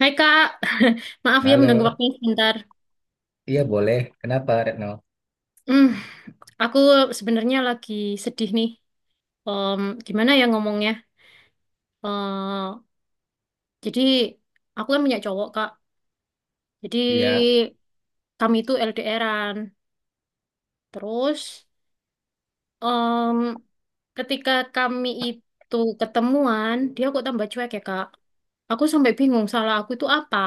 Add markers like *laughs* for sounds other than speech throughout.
Hai Kak, *laughs* maaf ya mengganggu Halo, waktunya sebentar. iya boleh. Kenapa Retno? Hmm, aku sebenarnya lagi sedih nih. Gimana ya ngomongnya? Eh, jadi aku kan punya cowok Kak. Jadi Iya, kami itu LDRan. Terus em, ketika kami itu ketemuan, dia kok tambah cuek ya Kak. Aku sampai bingung salah aku itu apa.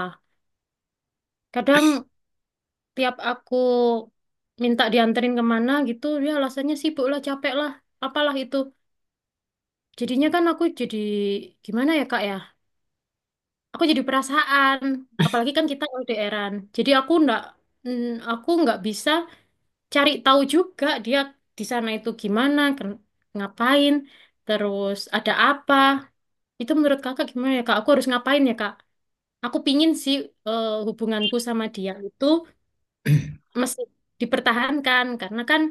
Kadang tiap aku minta dianterin kemana gitu, dia alasannya sibuk lah, capek lah, apalah itu. Jadinya kan aku jadi gimana ya Kak ya? Aku jadi perasaan, apalagi kan kita LDRan. Jadi aku ndak mm, aku nggak bisa cari tahu juga dia di sana itu gimana, ngapain, terus ada apa. Itu menurut Kakak gimana ya Kak? Aku harus ngapain ya Kak? Aku pingin sih hubunganku sama dia itu mesti dipertahankan karena kan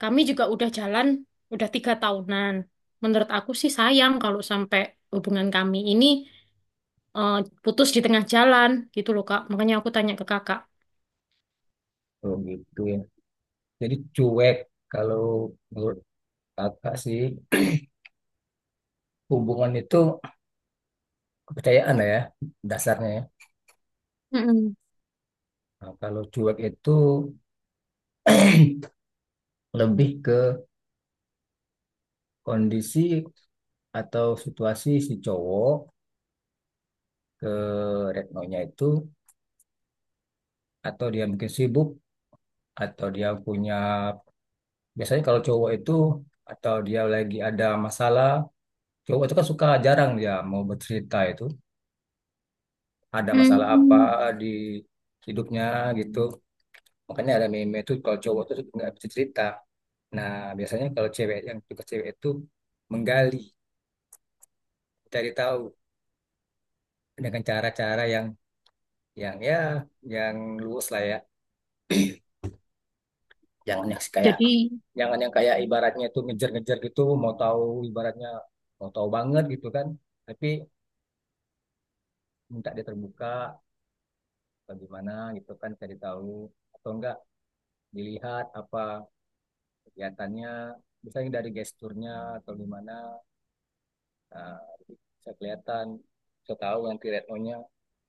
kami juga udah jalan udah 3 tahunan. Menurut aku sih sayang kalau sampai hubungan kami ini eh, putus di tengah jalan gitu loh Kak. Makanya aku tanya ke Kakak. oh gitu ya. Jadi cuek kalau menurut kakak sih hubungan itu kepercayaan lah ya dasarnya ya. Mm-mm. Nah, kalau cuek itu *clears throat* lebih ke kondisi atau situasi si cowok ke Retnonya itu, atau dia mungkin sibuk, atau dia punya, biasanya kalau cowok itu atau dia lagi ada masalah, cowok itu kan suka jarang dia mau bercerita itu ada masalah apa Hmm. di hidupnya gitu. Makanya ada meme itu kalau cowok tuh nggak bisa cerita. Nah, biasanya kalau cewek, yang tugas cewek itu menggali, cari tahu dengan cara-cara yang yang yang luwes lah ya. Jangan yang kayak Jadi. Jangan yang kayak ibaratnya itu ngejar-ngejar gitu, mau tahu ibaratnya mau tahu banget gitu kan. Tapi minta dia terbuka, bagaimana gitu kan, cari tahu, atau enggak dilihat apa kelihatannya, misalnya dari gesturnya atau gimana. Nah, bisa kelihatan, saya tahu nanti retnonya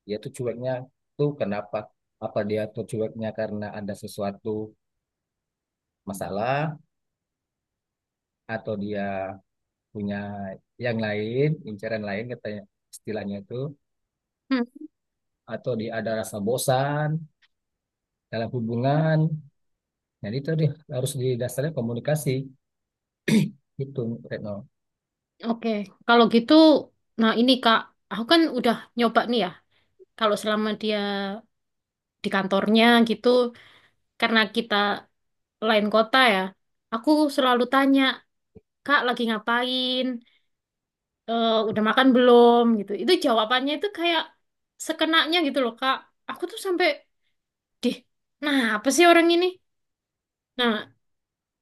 dia tuh cueknya tuh kenapa, apa dia tuh cueknya karena ada sesuatu masalah, atau dia punya yang lain, incaran lain katanya, istilahnya itu, Hmm. atau dia ada rasa bosan dalam hubungan. Jadi itu dia harus didasarkan komunikasi itu, Retno. Oke. Kalau gitu, nah ini Kak, aku kan udah nyoba nih ya. Kalau selama dia di kantornya gitu, karena kita lain kota ya, aku selalu tanya, Kak lagi ngapain? Eh, udah makan belum? Gitu. Itu jawabannya itu kayak sekenanya gitu loh Kak. Aku tuh sampai, deh, nah apa sih orang ini? Nah.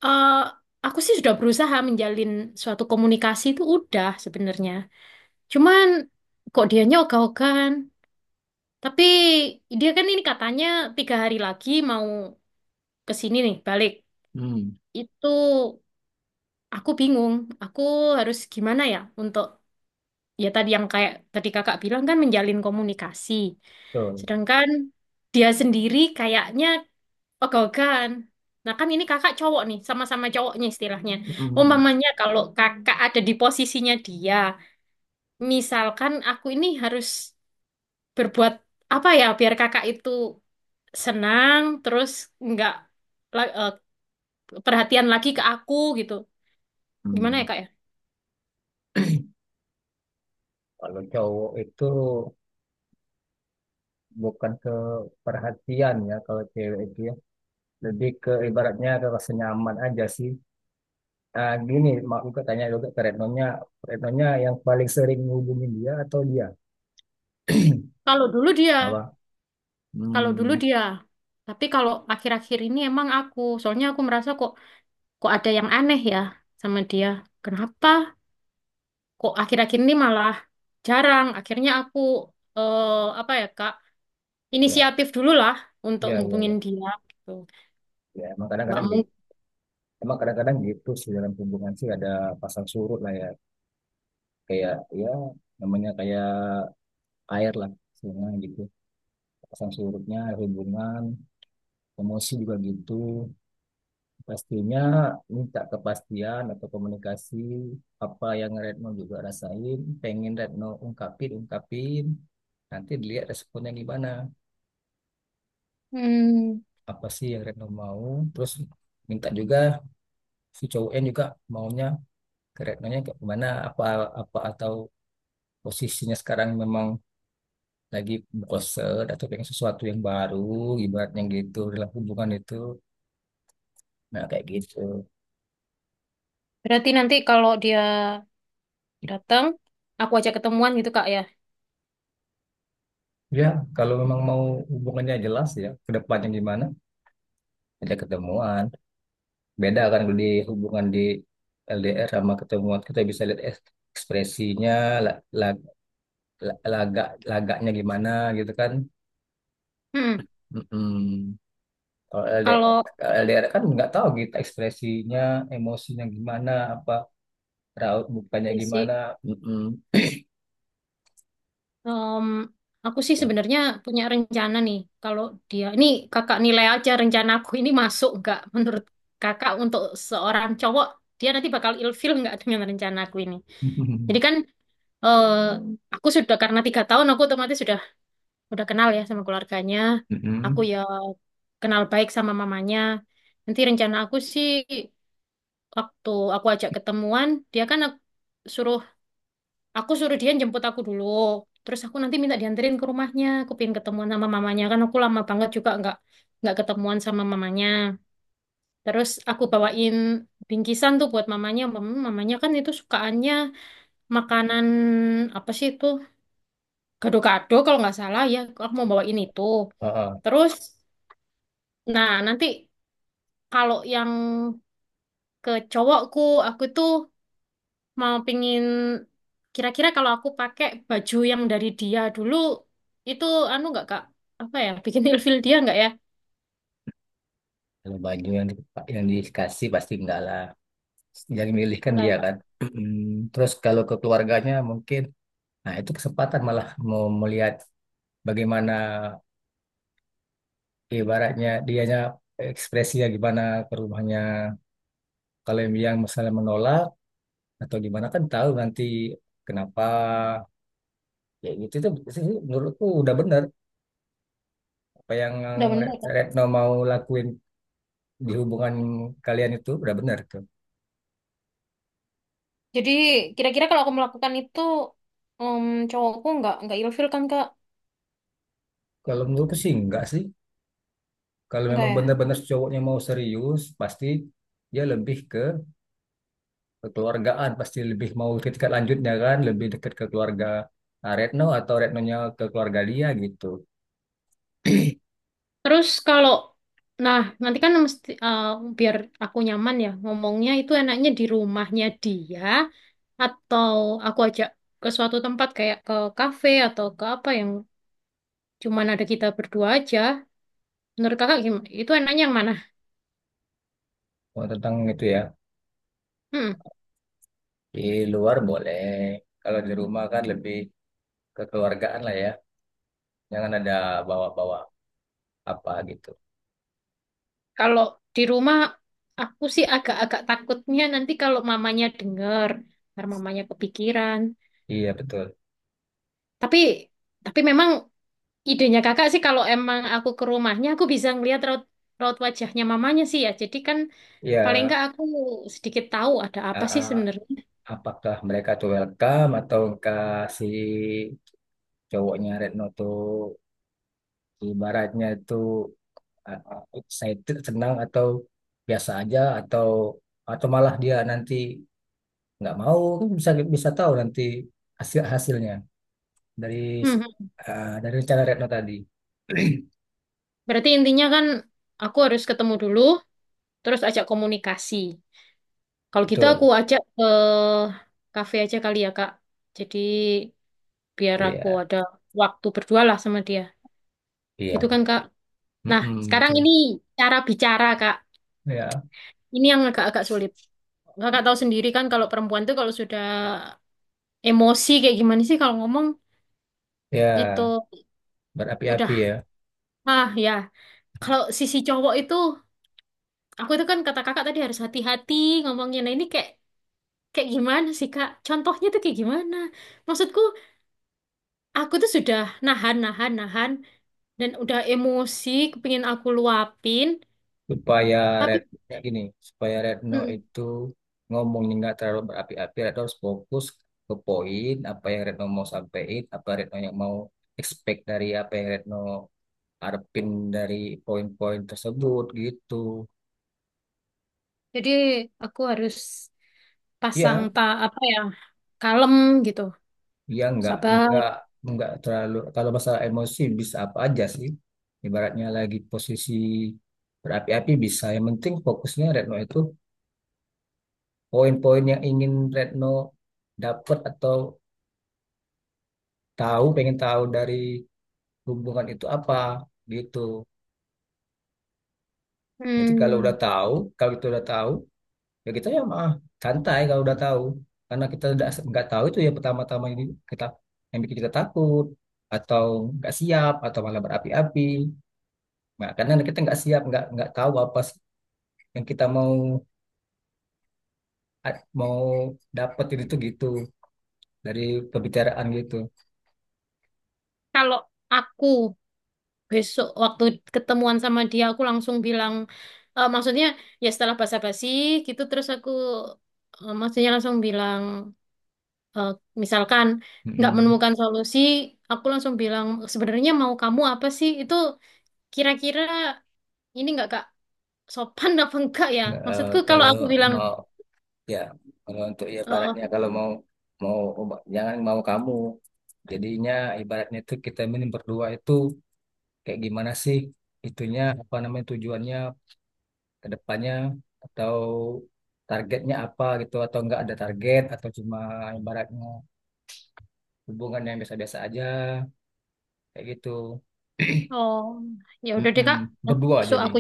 Eh, aku sih sudah berusaha menjalin suatu komunikasi itu udah sebenarnya. Cuman kok dianya ogah-ogahan. Tapi dia kan ini katanya 3 hari lagi mau ke sini nih balik. Hmm. Itu aku bingung. Aku harus gimana ya untuk ya tadi yang kayak tadi kakak bilang kan menjalin komunikasi. Betul. Sedangkan dia sendiri kayaknya. Oh, Gogan. Nah, kan ini kakak cowok nih, sama-sama cowoknya istilahnya. Hmm. Umpamanya kalau kakak ada di posisinya dia, misalkan aku ini harus berbuat apa ya biar kakak itu senang, terus nggak la- eh, perhatian lagi ke aku gitu. Gimana Hmm. ya kak ya? Kalau cowok itu bukan ke perhatian ya, kalau cewek itu ya lebih ke ibaratnya ke rasa nyaman aja sih. Ah gini, mak aku tanya juga ke Retnonya, Retnonya yang paling sering menghubungin dia, atau dia Kalau dulu dia, apa? Kalau Hmm. dulu dia. Tapi kalau akhir-akhir ini emang aku, soalnya aku merasa kok kok ada yang aneh ya sama dia. Kenapa? Kok akhir-akhir ini malah jarang. Akhirnya aku eh, apa ya Kak, ya inisiatif dulu lah untuk ya ya ngubungin ya, dia gitu. ya, emang Nggak kadang-kadang mungkin. gitu, emang kadang-kadang gitu sih dalam hubungan sih ada pasang surut lah ya, kayak, ya, namanya kayak air lah sebenarnya gitu. Pasang surutnya hubungan, emosi juga gitu. Pastinya minta kepastian atau komunikasi, apa yang Retno juga rasain, pengen Retno ungkapin, ungkapin. Nanti dilihat responnya gimana. Hmm, Apa sih yang Retno mau? Terus minta juga si cowok N juga maunya ke Retnonya kayak gimana. Apa, apa, atau posisinya sekarang memang lagi bosen atau pengen sesuatu yang baru, ibaratnya gitu dalam hubungan itu. Nah, kayak gitu. Berarti nanti kalau dia datang, aku ajak ketemuan gitu Kak ya. Ya, kalau memang mau hubungannya jelas ya, ke depannya gimana, ada ketemuan, beda kan kalau di hubungan di LDR sama ketemuan kita bisa lihat es- ekspresinya, la- la- lagak lagaknya gimana gitu kan. Hmm. Mm-mm. Kalau LDR, Kalau kalau LDR kan nggak tahu kita ekspresinya, emosinya gimana, apa raut mukanya ya sih, gimana. Mm-mm. em, aku sih sebenarnya punya rencana nih. Kalau dia, ini Kakak nilai aja rencana aku ini masuk nggak menurut Kakak untuk seorang cowok dia nanti bakal ilfil nggak dengan rencana aku ini. Jadi *laughs* kan eh aku sudah karena 3 tahun aku otomatis udah kenal ya sama keluarganya. Aku Mm-mm. ya kenal baik sama mamanya. Nanti rencana aku sih waktu aku ajak ketemuan, dia kan suruh aku suruh dia jemput aku dulu. Terus aku nanti minta dianterin ke rumahnya. Aku pengen ketemuan sama mamanya kan aku lama banget juga nggak ketemuan sama mamanya. Terus aku bawain bingkisan tuh buat mamanya. Mamanya kan itu sukaannya makanan apa sih itu gado-gado kalau nggak salah ya, aku mau bawa ini tuh. Oh, Terus nah nanti kalau yang ke cowokku, aku tuh mau pingin kira-kira kalau aku pakai baju yang dari dia dulu, itu anu nggak kak, apa ya, bikin ilfil dia nggak ya? kalau baju yang yang dikasih pasti enggak lah, yang milih kan Enggak ya dia kak? kan. Mm-mm. Terus kalau ke keluarganya mungkin, nah, itu kesempatan malah mau melihat bagaimana ibaratnya dianya ekspresinya gimana ke rumahnya. Kalau yang misalnya menolak atau gimana kan tahu nanti kenapa. Ya gitu itu sih menurutku udah benar apa yang Udah bener ya, kak? Retno mau lakuin di hubungan kalian itu udah benar tuh. Jadi kira-kira kalau aku melakukan itu, em cowokku nggak ilfil kan kak? Kalau menurutku sih enggak sih. Kalau Enggak memang ya? benar-benar cowoknya mau serius, pasti dia lebih ke kekeluargaan, pasti lebih mau ke tingkat lanjutnya, kan lebih dekat ke keluarga ah, Retno atau Retnonya ke keluarga dia gitu. Terus kalau nah nanti kan mesti biar aku nyaman ya ngomongnya, itu enaknya di rumahnya dia atau aku ajak ke suatu tempat kayak ke kafe atau ke apa yang cuman ada kita berdua aja. Menurut kakak gimana? Itu enaknya yang mana? Oh, tentang itu ya, Hmm, di luar boleh. Kalau di rumah kan lebih kekeluargaan lah ya, jangan ada bawa-bawa apa gitu. Kalau di rumah aku sih agak-agak takutnya nanti kalau mamanya denger, ntar mamanya kepikiran. Iya betul. Tapi memang Idenya kakak sih kalau emang aku ke rumahnya aku bisa ngelihat raut raut wajahnya mamanya sih ya. Jadi kan paling Iya. nggak aku sedikit tahu ada apa Ah, sih ah, sebenarnya. apakah mereka tuh welcome atau kasih cowoknya Retno tuh ibaratnya itu eh, excited, senang, atau biasa aja, atau malah dia nanti nggak mau, kan bisa bisa tahu nanti hasil hasilnya dari Hmm, dari rencana Retno tadi. *clears throat* Berarti intinya kan aku harus ketemu dulu, terus ajak komunikasi. Kalau gitu aku Betul. ajak ke kafe aja kali ya kak. Jadi biar aku Iya, ada waktu berdua lah sama dia. Gitu iya. kan kak. Nah Mm-mm, sekarang betul. ini cara bicara kak. Ya, Ini yang agak-agak sulit. Kakak tahu sendiri kan kalau perempuan tuh kalau sudah emosi kayak gimana sih kalau ngomong ya itu berapi-api udah ya, ah ya, kalau sisi cowok itu aku itu kan kata kakak tadi harus hati-hati ngomongnya. Nah ini kayak kayak gimana sih kak, contohnya tuh kayak gimana, maksudku aku tuh sudah nahan nahan nahan dan udah emosi pengen aku luapin supaya tapi Retno gini, supaya Retno mm, itu ngomongnya nggak terlalu berapi-api, Retno harus fokus ke poin apa yang Retno mau sampaikan, apa Retno yang mau expect dari apa yang Retno ngarepin dari poin-poin tersebut gitu. jadi aku harus pasang Ya, tak apa ya, kalem gitu, ya sabar. Nggak terlalu, kalau masalah emosi bisa apa aja sih. Ibaratnya lagi posisi berapi-api bisa. Yang penting fokusnya Retno itu poin-poin yang ingin Retno dapat atau tahu, pengen tahu dari hubungan itu apa gitu. Jadi kalau udah hmm. tahu, kalau itu udah tahu ya kita ya mah santai kalau udah tahu, karena kita udah nggak tahu itu ya pertama-tama ini kita yang bikin kita takut atau nggak siap atau malah berapi-api. Nah, karena kita nggak siap, nggak tahu apa sih yang kita mau mau dapetin itu gitu dari pembicaraan gitu. Kalau aku besok waktu ketemuan sama dia aku langsung bilang, maksudnya ya setelah basa-basi gitu terus aku maksudnya langsung bilang, eh, misalkan nggak Mm-mm. menemukan solusi aku langsung bilang sebenarnya mau kamu apa sih itu, kira-kira ini nggak kak, sopan apa enggak ya Nggak, maksudku kalau kalau aku bilang mau ya, kalau untuk ya eh, ibaratnya kalau mau mau obat- jangan mau kamu, jadinya ibaratnya itu kita ini berdua itu kayak gimana sih, itunya apa namanya, tujuannya ke depannya atau targetnya apa gitu, atau enggak ada target, atau cuma ibaratnya hubungan yang biasa-biasa aja, kayak gitu. oh ya udah deh kak, Mm-mm. nanti Berdua besok jadi aku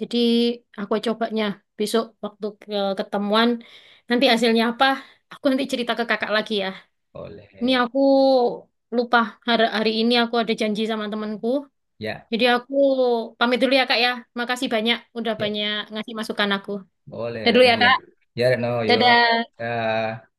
jadi aku cobanya besok waktu ke ketemuan. Nanti hasilnya apa? Aku nanti cerita ke kakak lagi ya. boleh Ini aku lupa hari, hari ini aku ada janji sama temanku. ya, Jadi aku pamit dulu ya kak ya. Makasih banyak udah ya banyak ngasih masukan aku. boleh Dadah dulu Reno ya ya, kak. ya Reno yuk. Dadah. Ya.